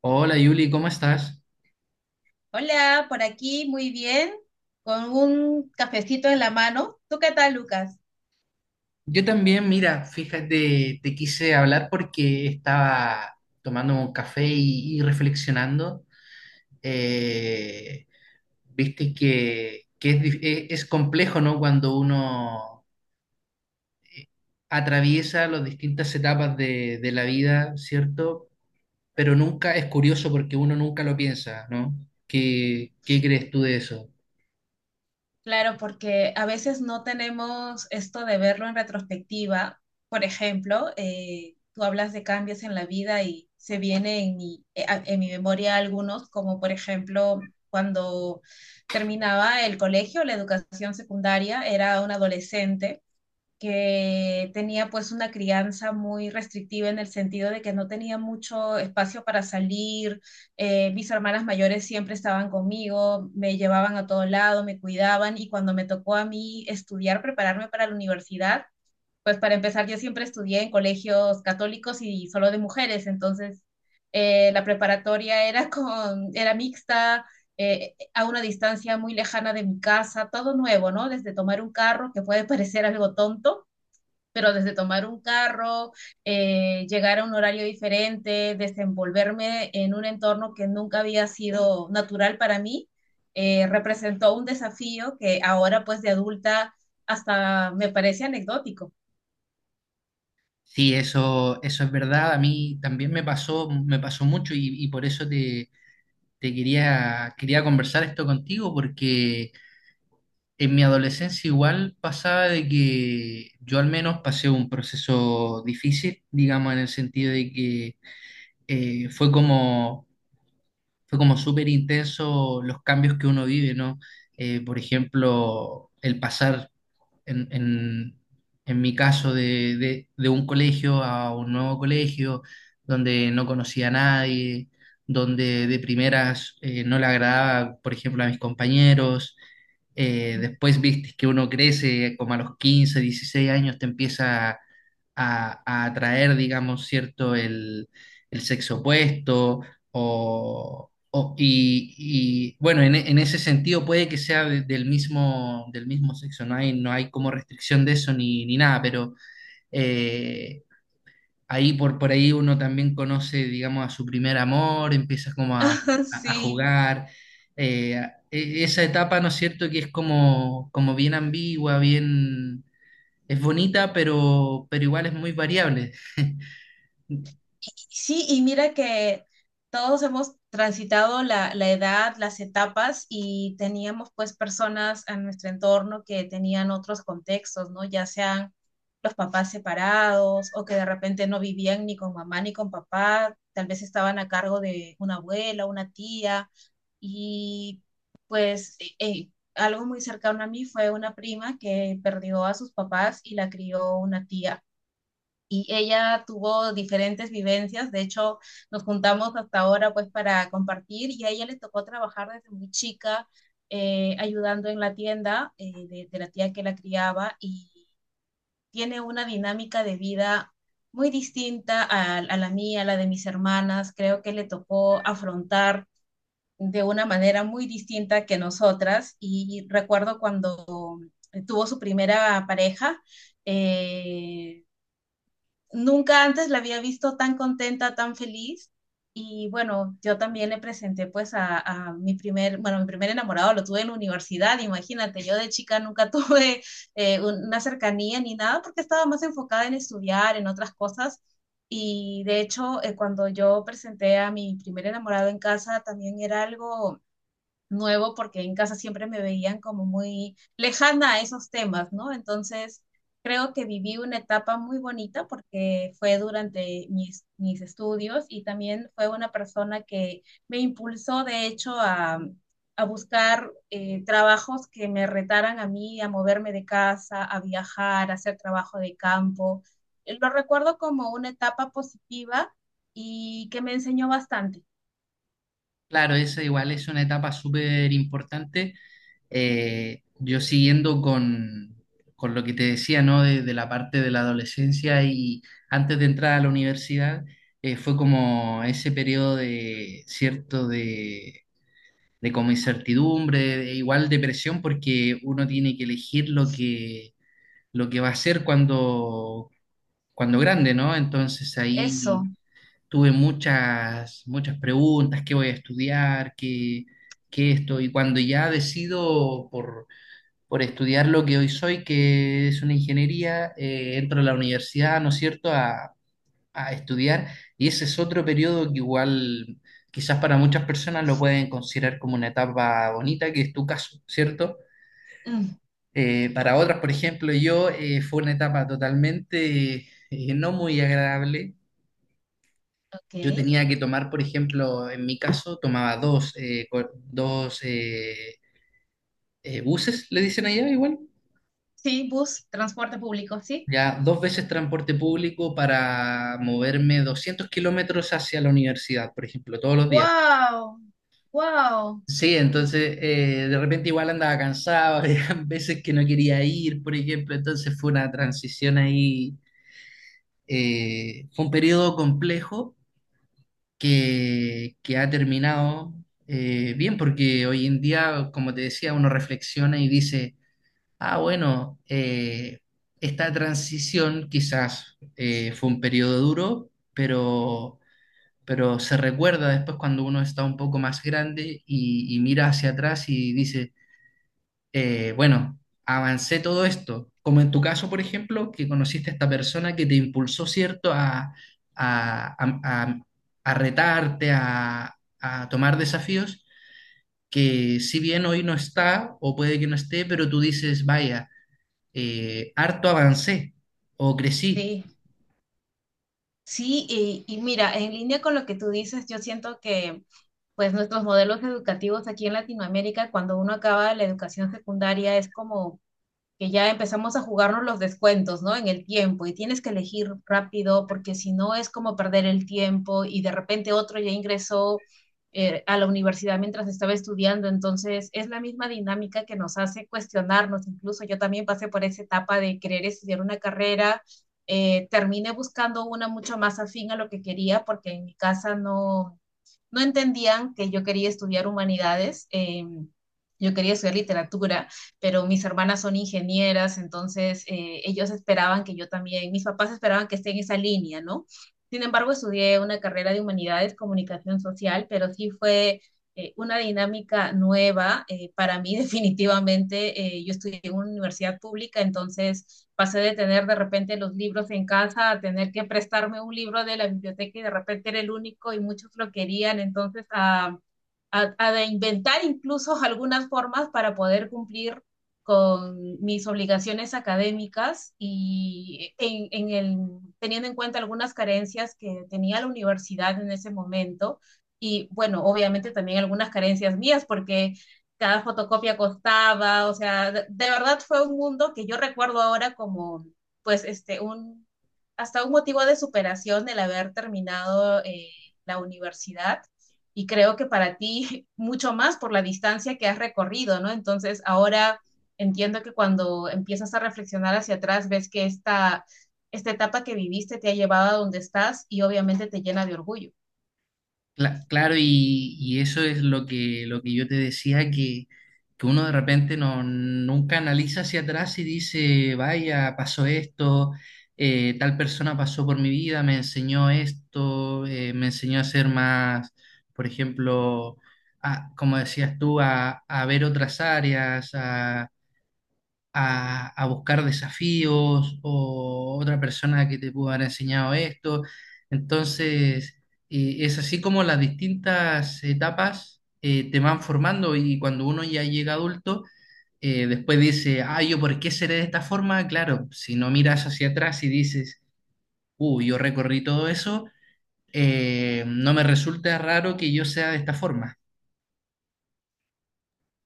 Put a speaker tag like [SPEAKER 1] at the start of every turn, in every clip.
[SPEAKER 1] Hola Yuli, ¿cómo estás?
[SPEAKER 2] Hola, por aquí muy bien, con un cafecito en la mano. ¿Tú qué tal, Lucas?
[SPEAKER 1] Yo también, mira, fíjate, te quise hablar porque estaba tomando un café y reflexionando. Eh, Viste que es complejo, ¿no? Cuando uno atraviesa las distintas etapas de la vida, ¿cierto? Pero nunca es curioso porque uno nunca lo piensa, ¿no? ¿Qué crees tú de eso?
[SPEAKER 2] Claro, porque a veces no tenemos esto de verlo en retrospectiva. Por ejemplo, tú hablas de cambios en la vida y se viene en mi, en mi memoria algunos, como por ejemplo cuando terminaba el colegio, la educación secundaria, era un adolescente que tenía pues una crianza muy restrictiva en el sentido de que no tenía mucho espacio para salir, mis hermanas mayores siempre estaban conmigo, me llevaban a todo lado, me cuidaban y cuando me tocó a mí estudiar, prepararme para la universidad, pues para empezar yo siempre estudié en colegios católicos y solo de mujeres, entonces la preparatoria era, era mixta, a una distancia muy lejana de mi casa, todo nuevo, ¿no? Desde tomar un carro, que puede parecer algo tonto, pero desde tomar un carro, llegar a un horario diferente, desenvolverme en un entorno que nunca había sido natural para mí, representó un desafío que ahora pues de adulta hasta me parece anecdótico.
[SPEAKER 1] Sí, eso es verdad. A mí también me pasó mucho y por eso te quería conversar esto contigo, porque en mi adolescencia igual pasaba de que yo al menos pasé un proceso difícil, digamos, en el sentido de que eh, fue como, fue como súper intenso los cambios que uno vive, ¿no? Por ejemplo, el pasar en, en- en mi caso de un colegio a un nuevo colegio, donde no conocía a nadie, donde de primeras no le agradaba, por ejemplo, a mis compañeros. Después viste que uno crece como a los 15 16 años, te empieza a atraer, digamos, cierto, el sexo opuesto o, o y bueno, en ese sentido puede que sea del mismo sexo, no hay como restricción de eso ni nada, pero eh, ahí por ahí uno también conoce, digamos, a su primer amor, empieza como a
[SPEAKER 2] Sí.
[SPEAKER 1] jugar. eh, Esa etapa, ¿no es cierto?, que es como, bien ambigua, bien, es bonita, pero igual es muy variable.
[SPEAKER 2] Sí, y mira que todos hemos transitado la edad, las etapas y teníamos pues personas en nuestro entorno que tenían otros contextos, ¿no? Ya sean los papás separados o que de repente no vivían ni con mamá ni con papá, tal vez estaban a cargo de una abuela, una tía y pues algo muy cercano a mí fue una prima que perdió a sus papás y la crió una tía y ella tuvo diferentes vivencias, de hecho nos juntamos hasta ahora pues para compartir y a ella le tocó trabajar desde muy chica ayudando en la tienda de la tía que la criaba y tiene una dinámica de vida muy distinta a la mía, a la de mis hermanas. Creo que le tocó afrontar de una manera muy distinta que nosotras. Y recuerdo cuando tuvo su primera pareja, eh, nunca antes la había visto tan contenta, tan feliz. Y bueno, yo también le presenté pues a mi primer, bueno, mi primer enamorado lo tuve en la universidad, imagínate, yo de chica nunca tuve una cercanía ni nada porque estaba más enfocada en estudiar, en otras cosas. Y de hecho, cuando yo presenté a mi primer enamorado en casa, también era algo nuevo porque en casa siempre me veían como muy lejana a esos temas, ¿no? Entonces, creo que viví una etapa muy bonita porque fue durante mis estudios y también fue una persona que me impulsó, de hecho, a buscar trabajos que me retaran a mí, a moverme de casa, a viajar, a hacer trabajo de campo. Lo recuerdo como una etapa positiva y que me enseñó bastante.
[SPEAKER 1] Claro, esa igual es una etapa súper importante. Yo siguiendo con lo que te decía, ¿no? De la parte de la adolescencia y antes de entrar a la universidad, fue como ese periodo de, cierto, de como incertidumbre, de igual depresión, porque uno tiene que elegir lo que va a hacer cuando grande, ¿no? Entonces ahí
[SPEAKER 2] Eso.
[SPEAKER 1] tuve muchas preguntas, qué voy a estudiar, qué esto, y cuando ya decido por estudiar lo que hoy soy, que es una ingeniería, entro a la universidad, ¿no es cierto?, a estudiar, y ese es otro periodo que igual quizás para muchas personas lo pueden considerar como una etapa bonita, que es tu caso, ¿cierto?
[SPEAKER 2] Mm,
[SPEAKER 1] Para otras, por ejemplo, yo fue una etapa totalmente no muy agradable. Yo
[SPEAKER 2] ok.
[SPEAKER 1] tenía que tomar, por ejemplo, en mi caso, tomaba dos buses, le dicen allá igual,
[SPEAKER 2] Sí, bus, transporte público, sí.
[SPEAKER 1] ya dos veces transporte público para moverme 200 kilómetros hacia la universidad, por ejemplo, todos los días.
[SPEAKER 2] ¡Wow! ¡Wow!
[SPEAKER 1] Sí, entonces de repente igual andaba cansado, habían veces que no quería ir, por ejemplo, entonces fue una transición ahí, fue un periodo complejo que ha terminado bien, porque hoy en día, como te decía, uno reflexiona y dice, ah, bueno, esta transición quizás fue un periodo duro, pero se recuerda después cuando uno está un poco más grande y mira hacia atrás y dice, bueno, avancé todo esto, como en tu caso, por ejemplo, que conociste a esta persona que te impulsó, ¿cierto?, a, a- a- a retarte, a tomar desafíos, que si bien hoy no está, o puede que no esté, pero tú dices, vaya, harto avancé o crecí.
[SPEAKER 2] Sí, sí, y mira, en línea con lo que tú dices, yo siento que pues nuestros modelos educativos aquí en Latinoamérica, cuando uno acaba la educación secundaria, es como que ya empezamos a jugarnos los descuentos, ¿no? En el tiempo y tienes que elegir rápido porque si no es como perder el tiempo y de repente otro ya ingresó a la universidad mientras estaba estudiando, entonces es la misma dinámica que nos hace cuestionarnos, incluso yo también pasé por esa etapa de querer estudiar una carrera, terminé buscando una mucho más afín a lo que quería porque en mi casa no entendían que yo quería estudiar humanidades. Yo quería estudiar literatura, pero mis hermanas son ingenieras, entonces ellos esperaban que yo también, mis papás esperaban que esté en esa línea, ¿no? Sin embargo, estudié una carrera de humanidades, comunicación social, pero sí fue una dinámica nueva. Para mí, definitivamente, yo estudié en una universidad pública, entonces pasé de tener de repente los libros en casa a tener que prestarme un libro de la biblioteca y de repente era el único y muchos lo querían, entonces a de inventar incluso algunas formas para poder cumplir con mis obligaciones académicas y en el, teniendo en cuenta algunas carencias que tenía la universidad en ese momento y bueno, obviamente también algunas carencias mías porque cada fotocopia costaba, o sea, de verdad fue un mundo que yo recuerdo ahora como pues este un hasta un motivo de superación el haber terminado la universidad y creo que para ti mucho más por la distancia que has recorrido, ¿no? Entonces ahora entiendo que cuando empiezas a reflexionar hacia atrás ves que esta etapa que viviste te ha llevado a donde estás y obviamente te llena de orgullo.
[SPEAKER 1] Claro, y eso es lo que, yo te decía, que uno de repente no, nunca analiza hacia atrás y dice, vaya, pasó esto, tal persona pasó por mi vida, me enseñó esto, me enseñó a ser más, por ejemplo, como decías tú, a ver otras áreas, a buscar desafíos o otra persona que te pudo haber enseñado esto. Entonces, es así como las distintas etapas te van formando y cuando uno ya llega adulto, después dice, ah, yo por qué seré de esta forma, claro, si no miras hacia atrás y dices, yo recorrí todo eso, no me resulta raro que yo sea de esta forma.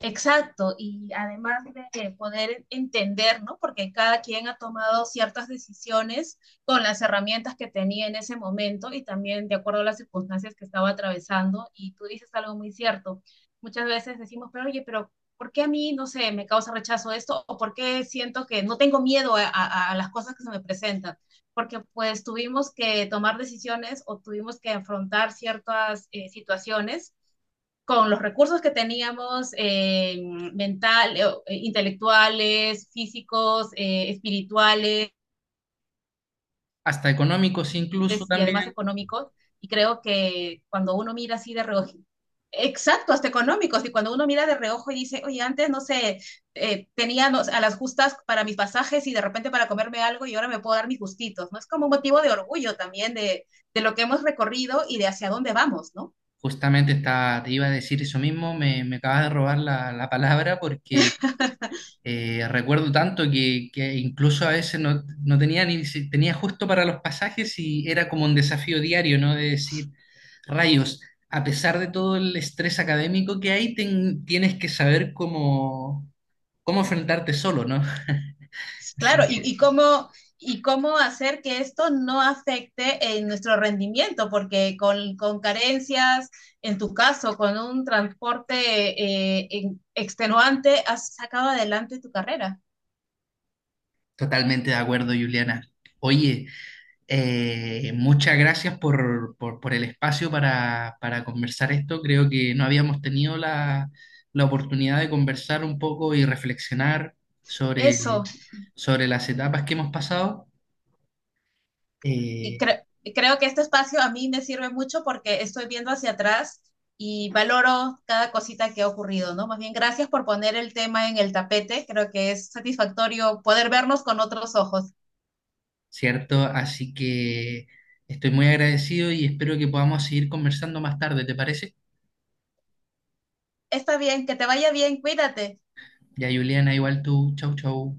[SPEAKER 2] Exacto, y además de poder entender, ¿no? Porque cada quien ha tomado ciertas decisiones con las herramientas que tenía en ese momento y también de acuerdo a las circunstancias que estaba atravesando. Y tú dices algo muy cierto. Muchas veces decimos, pero oye, pero ¿por qué a mí, no sé, me causa rechazo esto? ¿O por qué siento que no tengo miedo a las cosas que se me presentan? Porque pues tuvimos que tomar decisiones o tuvimos que afrontar ciertas situaciones con los recursos que teníamos mental, intelectuales, físicos, espirituales
[SPEAKER 1] Hasta económicos incluso
[SPEAKER 2] y además
[SPEAKER 1] también.
[SPEAKER 2] económicos. Y creo que cuando uno mira así de reojo, exacto, hasta económicos, y cuando uno mira de reojo y dice, oye, antes no sé, tenía no, a las justas para mis pasajes y de repente para comerme algo y ahora me puedo dar mis gustitos, ¿no? Es como un motivo de orgullo también de lo que hemos recorrido y de hacia dónde vamos, ¿no?
[SPEAKER 1] Justamente está, te iba a decir eso mismo, me acabas de robar la palabra porque recuerdo tanto que incluso a veces no, no tenía ni, si- tenía justo para los pasajes y era como un desafío diario, ¿no? De decir, rayos, a pesar de todo el estrés académico que hay, tienes que saber cómo, cómo enfrentarte solo, ¿no?
[SPEAKER 2] Sí,
[SPEAKER 1] Así
[SPEAKER 2] claro,
[SPEAKER 1] que
[SPEAKER 2] y cómo hacer que esto no afecte en nuestro rendimiento, porque con carencias, en tu caso, con un transporte extenuante, has sacado adelante tu carrera.
[SPEAKER 1] totalmente de acuerdo, Juliana. Oye, muchas gracias por el espacio para conversar esto. Creo que no habíamos tenido la oportunidad de conversar un poco y reflexionar sobre,
[SPEAKER 2] Eso,
[SPEAKER 1] sobre las etapas que hemos pasado,
[SPEAKER 2] y
[SPEAKER 1] eh,
[SPEAKER 2] creo que este espacio a mí me sirve mucho porque estoy viendo hacia atrás y valoro cada cosita que ha ocurrido, ¿no? Más bien, gracias por poner el tema en el tapete, creo que es satisfactorio poder vernos con otros ojos.
[SPEAKER 1] ¿cierto? Así que estoy muy agradecido y espero que podamos seguir conversando más tarde, ¿te parece?
[SPEAKER 2] Está bien, que te vaya bien, cuídate.
[SPEAKER 1] Ya, Juliana, igual tú. Chau, chau.